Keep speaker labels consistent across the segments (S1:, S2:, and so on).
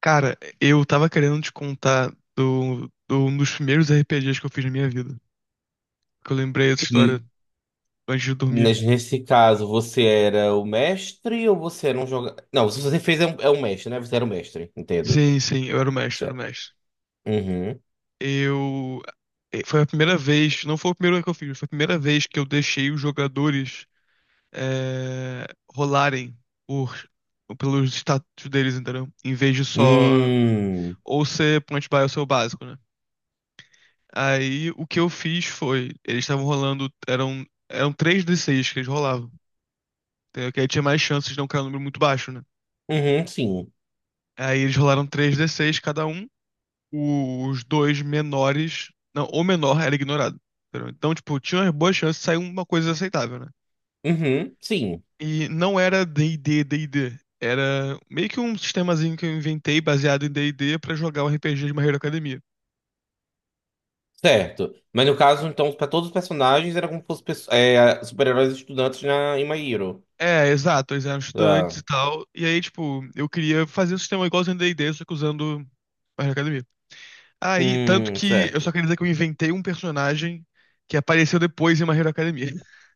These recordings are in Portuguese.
S1: Cara, eu tava querendo te contar do um dos primeiros RPGs que eu fiz na minha vida. Que eu lembrei essa história
S2: Hum,
S1: antes de dormir.
S2: mas nesse caso, você era o mestre ou você era um jogador? Não, se você fez é um mestre, né? Você era o mestre, entendo.
S1: Sim, sim, eu era o mestre, eu era o
S2: Certo.
S1: mestre.
S2: Uhum.
S1: Eu. Foi a primeira vez, não foi o primeiro que eu fiz, foi a primeira vez que eu deixei os jogadores eh, rolarem por, pelos status deles, entendeu? Em vez de só
S2: Hum.
S1: ou ser point buy ou ser o básico, né? Aí o que eu fiz foi, eles estavam rolando, eram três d seis que eles rolavam. Entendeu? Que aí tinha mais chances de não cair um número muito baixo, né?
S2: Uhum, sim.
S1: Aí eles rolaram três d seis cada um. Os dois menores. Não, o menor era ignorado. Entendeu? Então, tipo, tinha uma boa chance de sair uma coisa aceitável, né?
S2: Uhum, sim.
S1: E não era D&D. Era meio que um sistemazinho que eu inventei baseado em D&D pra jogar o RPG de My Hero Academia.
S2: Certo. Mas no caso, então, para todos os personagens, era como se fossem super-heróis estudantes em My Hero.
S1: É, exato. Eles eram estudantes
S2: Tá.
S1: e tal. E aí, tipo, eu queria fazer um sistema igualzinho ao D&D, só que usando My Hero Academia. Aí, tanto que eu só
S2: Certo.
S1: queria dizer que eu inventei um personagem que apareceu depois em My Hero Academia.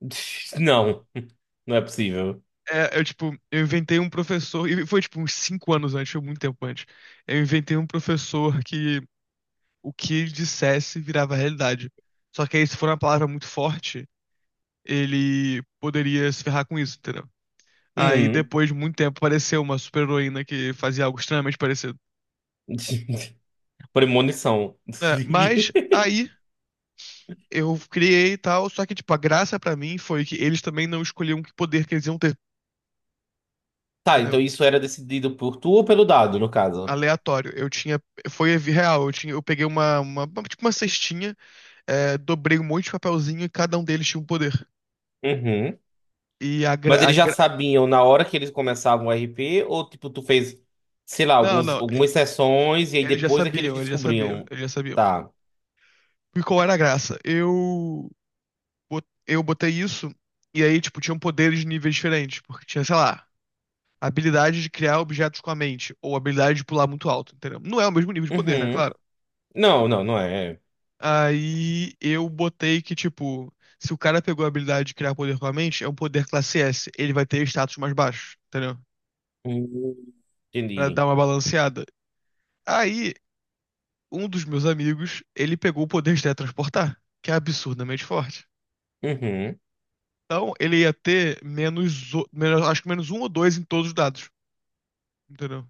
S2: Não, não é possível.
S1: É, eu, tipo, eu inventei um professor, e foi, tipo, uns 5 anos antes, foi muito tempo antes. Eu inventei um professor que o que ele dissesse virava realidade. Só que aí, se for uma palavra muito forte, ele poderia se ferrar com isso, entendeu? Aí,
S2: Uhum.
S1: depois de muito tempo, apareceu uma super-heroína que fazia algo extremamente parecido.
S2: Premonição.
S1: Né? Mas aí eu criei e tal, só que, tipo, a graça pra mim foi que eles também não escolhiam que poder que eles iam ter.
S2: Tá,
S1: Entendeu?
S2: então isso era decidido por tu ou pelo dado, no caso?
S1: Aleatório. Eu tinha. Foi real. Eu peguei tipo uma cestinha, dobrei um monte de papelzinho e cada um deles tinha um poder.
S2: Uhum.
S1: E a,
S2: Mas
S1: gra, a
S2: eles já
S1: gra-
S2: sabiam na hora que eles começavam o RP, ou tipo, tu fez, sei lá,
S1: Não,
S2: alguns,
S1: não.
S2: algumas sessões e aí
S1: Eles já
S2: depois é que eles
S1: sabiam, eles já sabiam,
S2: descobriam.
S1: eles já sabiam.
S2: Tá.
S1: E qual era a graça? Eu botei isso, e aí, tipo, tinham poderes de níveis diferentes. Porque tinha, sei lá, a habilidade de criar objetos com a mente, ou a habilidade de pular muito alto, entendeu? Não é o mesmo nível de poder, né?
S2: Uhum.
S1: Claro.
S2: Não, não, não é.
S1: Aí eu botei que, tipo, se o cara pegou a habilidade de criar poder com a mente, é um poder classe S. Ele vai ter status mais baixo, entendeu?
S2: Hum,
S1: Pra
S2: entendi.
S1: dar uma balanceada. Aí, um dos meus amigos, ele pegou o poder de teletransportar, que é absurdamente forte.
S2: Uhum.
S1: Então, ele ia ter menos, acho que menos um ou dois em todos os dados, entendeu?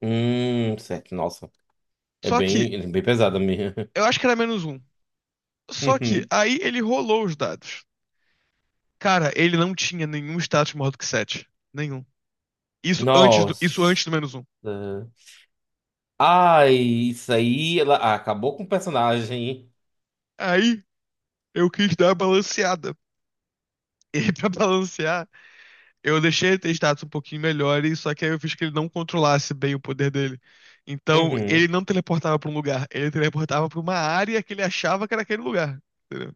S2: Certo. Nossa. É
S1: Só que,
S2: bem, é bem pesada mesmo.
S1: eu acho que era menos um. Só que,
S2: Uhum.
S1: aí ele rolou os dados. Cara, ele não tinha nenhum status maior do que sete. Nenhum. Isso antes do, isso antes
S2: Nossa.
S1: do menos um.
S2: Ai, isso aí ela acabou com o personagem.
S1: Aí eu quis dar uma balanceada. E pra balancear, eu deixei ele ter status um pouquinho melhores, só que aí eu fiz que ele não controlasse bem o poder dele. Então, ele
S2: Uhum.
S1: não teleportava pra um lugar, ele teleportava pra uma área que ele achava que era aquele lugar. Entendeu?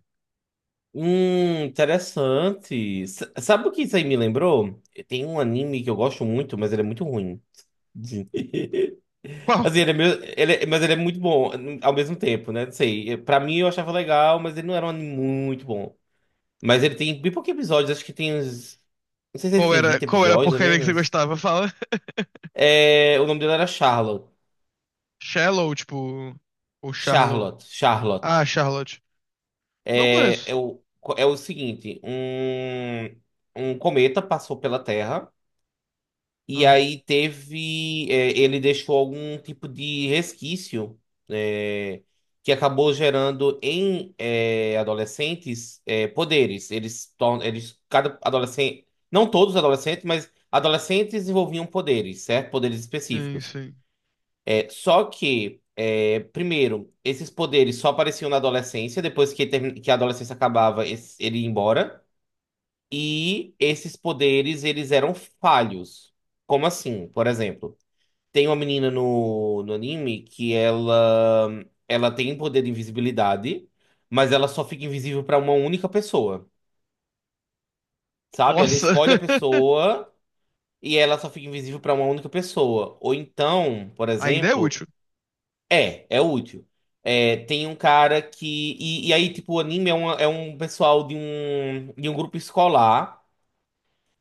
S2: Interessante. Sabe o que isso aí me lembrou? Tem um anime que eu gosto muito, mas ele é muito ruim.
S1: Qual?
S2: Assim, ele é meio, ele é- mas ele é muito bom ao mesmo tempo, né? Não sei. Pra mim eu achava legal, mas ele não era um anime muito bom. Mas ele tem bem poucos episódios, acho que tem uns. Não sei se ele
S1: Qual
S2: tem
S1: era,
S2: 20
S1: qual era a
S2: episódios ou
S1: porcaria que você
S2: menos.
S1: gostava? Fala.
S2: É, o nome dele era Charlotte.
S1: Shallow, tipo. Ou Charlow.
S2: Charlotte. Charlotte.
S1: Ah, Charlotte. Não
S2: É, é,
S1: conheço.
S2: o, é o seguinte: um cometa passou pela Terra. E
S1: Aham.
S2: aí teve, ele deixou algum tipo de resquício, é, que acabou gerando em adolescentes poderes. Cada adolescente. Não todos os adolescentes, mas adolescentes envolviam poderes, certo? Poderes
S1: Sim,
S2: específicos.
S1: sim.
S2: Só que, primeiro, esses poderes só apareciam na adolescência, depois que, que a adolescência acabava, ele ia embora. E esses poderes, eles eram falhos. Como assim? Por exemplo. Tem uma menina no anime que ela tem poder de invisibilidade, mas ela só fica invisível pra uma única pessoa, sabe? Ela
S1: Nossa!
S2: escolhe a pessoa e ela só fica invisível pra uma única pessoa. Ou então, por
S1: Ainda é
S2: exemplo,
S1: útil.
S2: é útil. É, tem um cara que. E aí, tipo, o anime é um pessoal de um grupo escolar.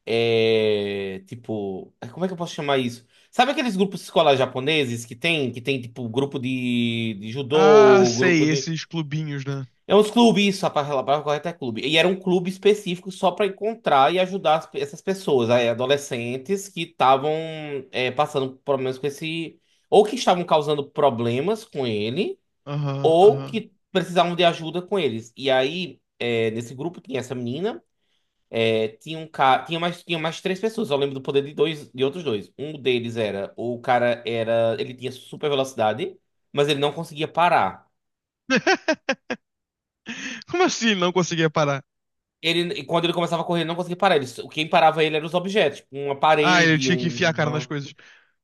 S2: Tipo, ai, como é que eu posso chamar isso? Sabe aqueles grupos escolares japoneses que tem tipo grupo de
S1: Ah,
S2: judô, grupo
S1: sei,
S2: de.
S1: esses clubinhos, né?
S2: É uns clubes, isso, a palavra correta é clube. E era um clube específico só para encontrar e ajudar essas pessoas, aí, adolescentes que estavam passando por problemas com esse. Ou que estavam causando problemas com ele,
S1: Aham,
S2: ou
S1: aham.
S2: que precisavam de ajuda com eles. E aí, nesse grupo tinha essa menina. É, tinha um cara, tinha mais três pessoas. Eu lembro do poder de dois, de outros dois. Um deles era, o cara era, ele tinha super velocidade, mas ele não conseguia parar.
S1: Como assim não conseguia parar?
S2: E quando ele começava a correr, ele não conseguia parar. Quem parava ele eram os objetos, tipo uma
S1: Ah, ele
S2: parede,
S1: tinha que enfiar a cara nas
S2: uma.
S1: coisas.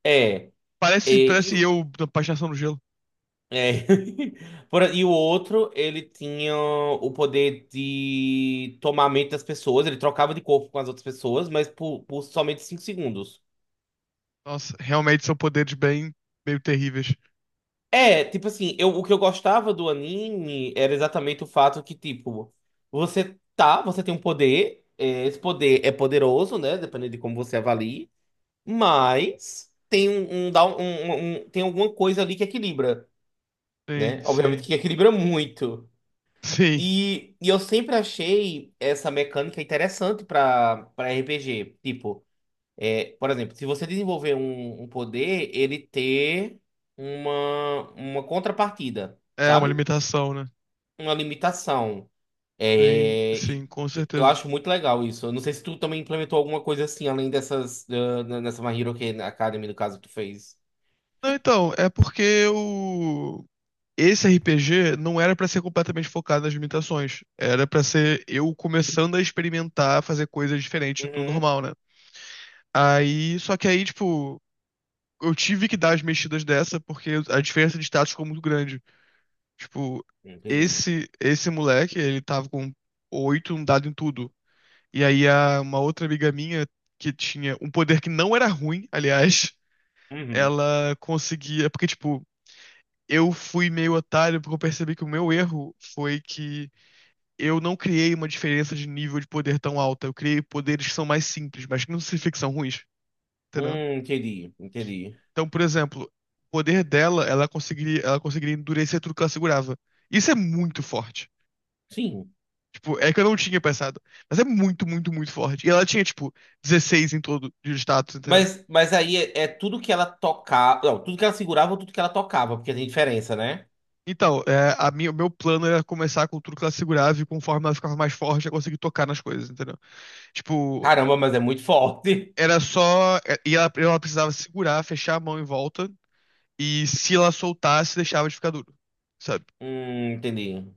S2: é, é,
S1: Parece,
S2: e,
S1: parece
S2: o-
S1: eu da patinação no gelo.
S2: é. E o outro, ele tinha o poder de tomar a mente das pessoas. Ele trocava de corpo com as outras pessoas, mas por somente 5 segundos.
S1: Nossa, realmente são poderes bem, meio terríveis.
S2: É, tipo assim, o que eu gostava do anime era exatamente o fato que, tipo, você tem um poder, esse poder é poderoso, né? Dependendo de como você avalie, mas tem um, um, dá um- um- um- um, tem alguma coisa ali que equilibra,
S1: Sim,
S2: né? Obviamente
S1: sim.
S2: que equilibra muito.
S1: Sim.
S2: E eu sempre achei essa mecânica interessante pra, RPG. Tipo, por exemplo, se você desenvolver um poder, ele ter uma contrapartida,
S1: É uma
S2: sabe?
S1: limitação, né?
S2: Uma limitação.
S1: Sim,
S2: É, e
S1: sim, com
S2: eu
S1: certeza.
S2: acho muito legal isso. Eu não sei se tu também implementou alguma coisa assim, além dessas, nessa My Hero Academy, no caso, que tu fez.
S1: Não, então, é porque esse RPG não era pra ser completamente focado nas limitações. Era pra ser eu começando a experimentar fazer coisas diferentes do
S2: Uhum.
S1: normal, né? Aí, só que aí, tipo, eu tive que dar as mexidas dessa porque a diferença de status ficou muito grande. Tipo,
S2: Entendi.
S1: esse moleque, ele tava com oito, um dado em tudo. E aí uma outra amiga minha que tinha um poder que não era ruim, aliás,
S2: Uhum.
S1: ela conseguia, porque tipo, eu fui meio otário porque eu percebi que o meu erro foi que eu não criei uma diferença de nível de poder tão alta. Eu criei poderes que são mais simples, mas que não significa que são ruins, entendeu?
S2: Entendi, entendi.
S1: Então, por exemplo, o poder dela, ela conseguiria endurecer tudo que ela segurava. Isso é muito forte.
S2: Sim.
S1: Tipo, é que eu não tinha pensado. Mas é muito, muito, muito forte. E ela tinha, tipo, 16 em todo de status, entendeu?
S2: Mas aí é tudo que ela tocava. Não, tudo que ela segurava ou tudo que ela tocava, porque tem diferença, né?
S1: Então, o meu plano era começar com tudo que ela segurava e conforme ela ficava mais forte, eu conseguia tocar nas coisas, entendeu? Tipo,
S2: Caramba, mas é muito forte.
S1: era só. E ela precisava segurar, fechar a mão em volta. E se ela soltasse, deixava de ficar duro, sabe?
S2: Entendi.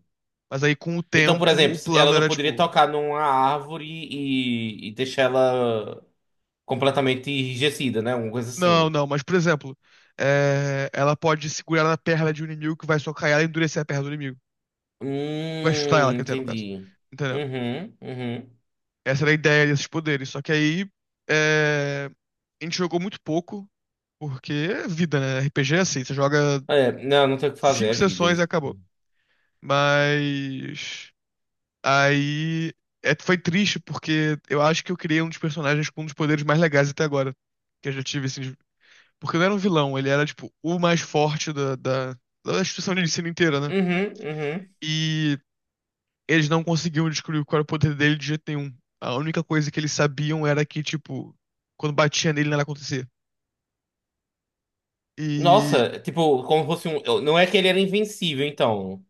S1: Mas aí, com o
S2: Então, por
S1: tempo, o
S2: exemplo,
S1: plano
S2: ela não
S1: era,
S2: poderia
S1: tipo.
S2: tocar numa árvore e deixar ela completamente enrijecida, né? Alguma coisa
S1: Não,
S2: assim.
S1: não, mas por exemplo, ela pode segurar na perna de um inimigo que vai socar ela e endurecer a perna do inimigo. Vai chutar ela, quer dizer, no caso.
S2: Entendi.
S1: Entendeu?
S2: Uhum, uhum.
S1: Essa era a ideia desses poderes. Só que aí é, a gente jogou muito pouco, porque é vida, né? RPG é assim, você joga
S2: É, não, não tem o que fazer,
S1: cinco
S2: é vida.
S1: sessões e
S2: Isso.
S1: acabou. Mas aí foi triste, porque eu acho que eu criei um dos personagens com um dos poderes mais legais até agora. Que eu já tive, assim, porque não era um vilão, ele era, tipo, o mais forte da instituição de ensino inteira, né?
S2: Uhum, uhum.
S1: E eles não conseguiam descobrir qual era o poder dele de jeito nenhum. A única coisa que eles sabiam era que, tipo, quando batia nele, nada acontecia. E.
S2: Nossa, tipo, como fosse um. Não é que ele era invencível, então.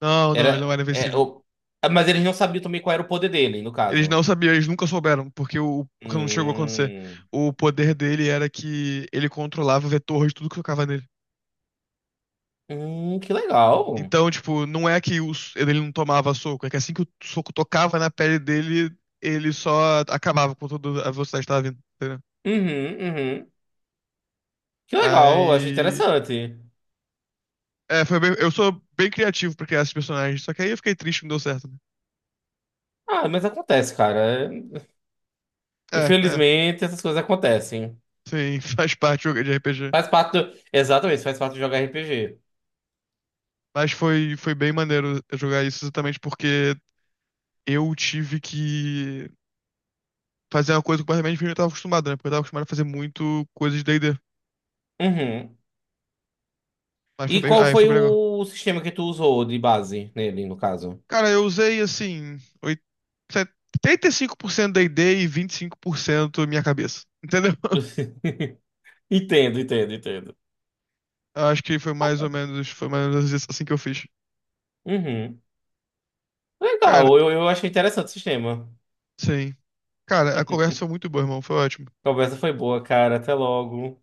S1: Não, não, ele não
S2: Era.
S1: era invencível.
S2: Mas eles não sabiam também qual era o poder dele, no
S1: Eles
S2: caso.
S1: não sabiam, eles nunca souberam, porque não chegou a acontecer.
S2: Hum,
S1: O poder dele era que ele controlava o vetor de tudo que tocava nele.
S2: que legal. Uhum,
S1: Então, tipo, não é que ele não tomava soco, é que assim que o soco tocava na pele dele, ele só acabava com toda a velocidade que tava vindo, entendeu?
S2: uhum. Que legal, achei
S1: Aí.
S2: interessante.
S1: É, eu sou bem criativo pra criar esses personagens, só que aí eu fiquei triste que não deu certo, né?
S2: Ah, mas acontece, cara. É,
S1: É, é.
S2: infelizmente, essas coisas acontecem.
S1: Sim, faz parte do jogo de RPG.
S2: Exatamente, faz parte de jogar RPG.
S1: Mas foi bem maneiro jogar isso exatamente porque eu tive que fazer uma coisa completamente diferente do que eu tava acostumado, né? Porque eu tava acostumado a fazer muito coisa de D&D.
S2: Uhum.
S1: Mas foi
S2: E
S1: bem.
S2: qual
S1: Aí foi
S2: foi
S1: bem legal.
S2: o sistema que tu usou de base nele, no caso?
S1: Cara, eu usei assim, oit- 75% da ideia e 25% minha cabeça. Entendeu?
S2: Entendo, entendo, entendo.
S1: Acho que foi mais ou menos isso assim que eu fiz.
S2: Uhum.
S1: Cara,
S2: Legal, eu achei interessante o sistema.
S1: sim. Cara, a conversa foi muito boa, irmão. Foi ótimo.
S2: A conversa foi boa, cara. Até logo.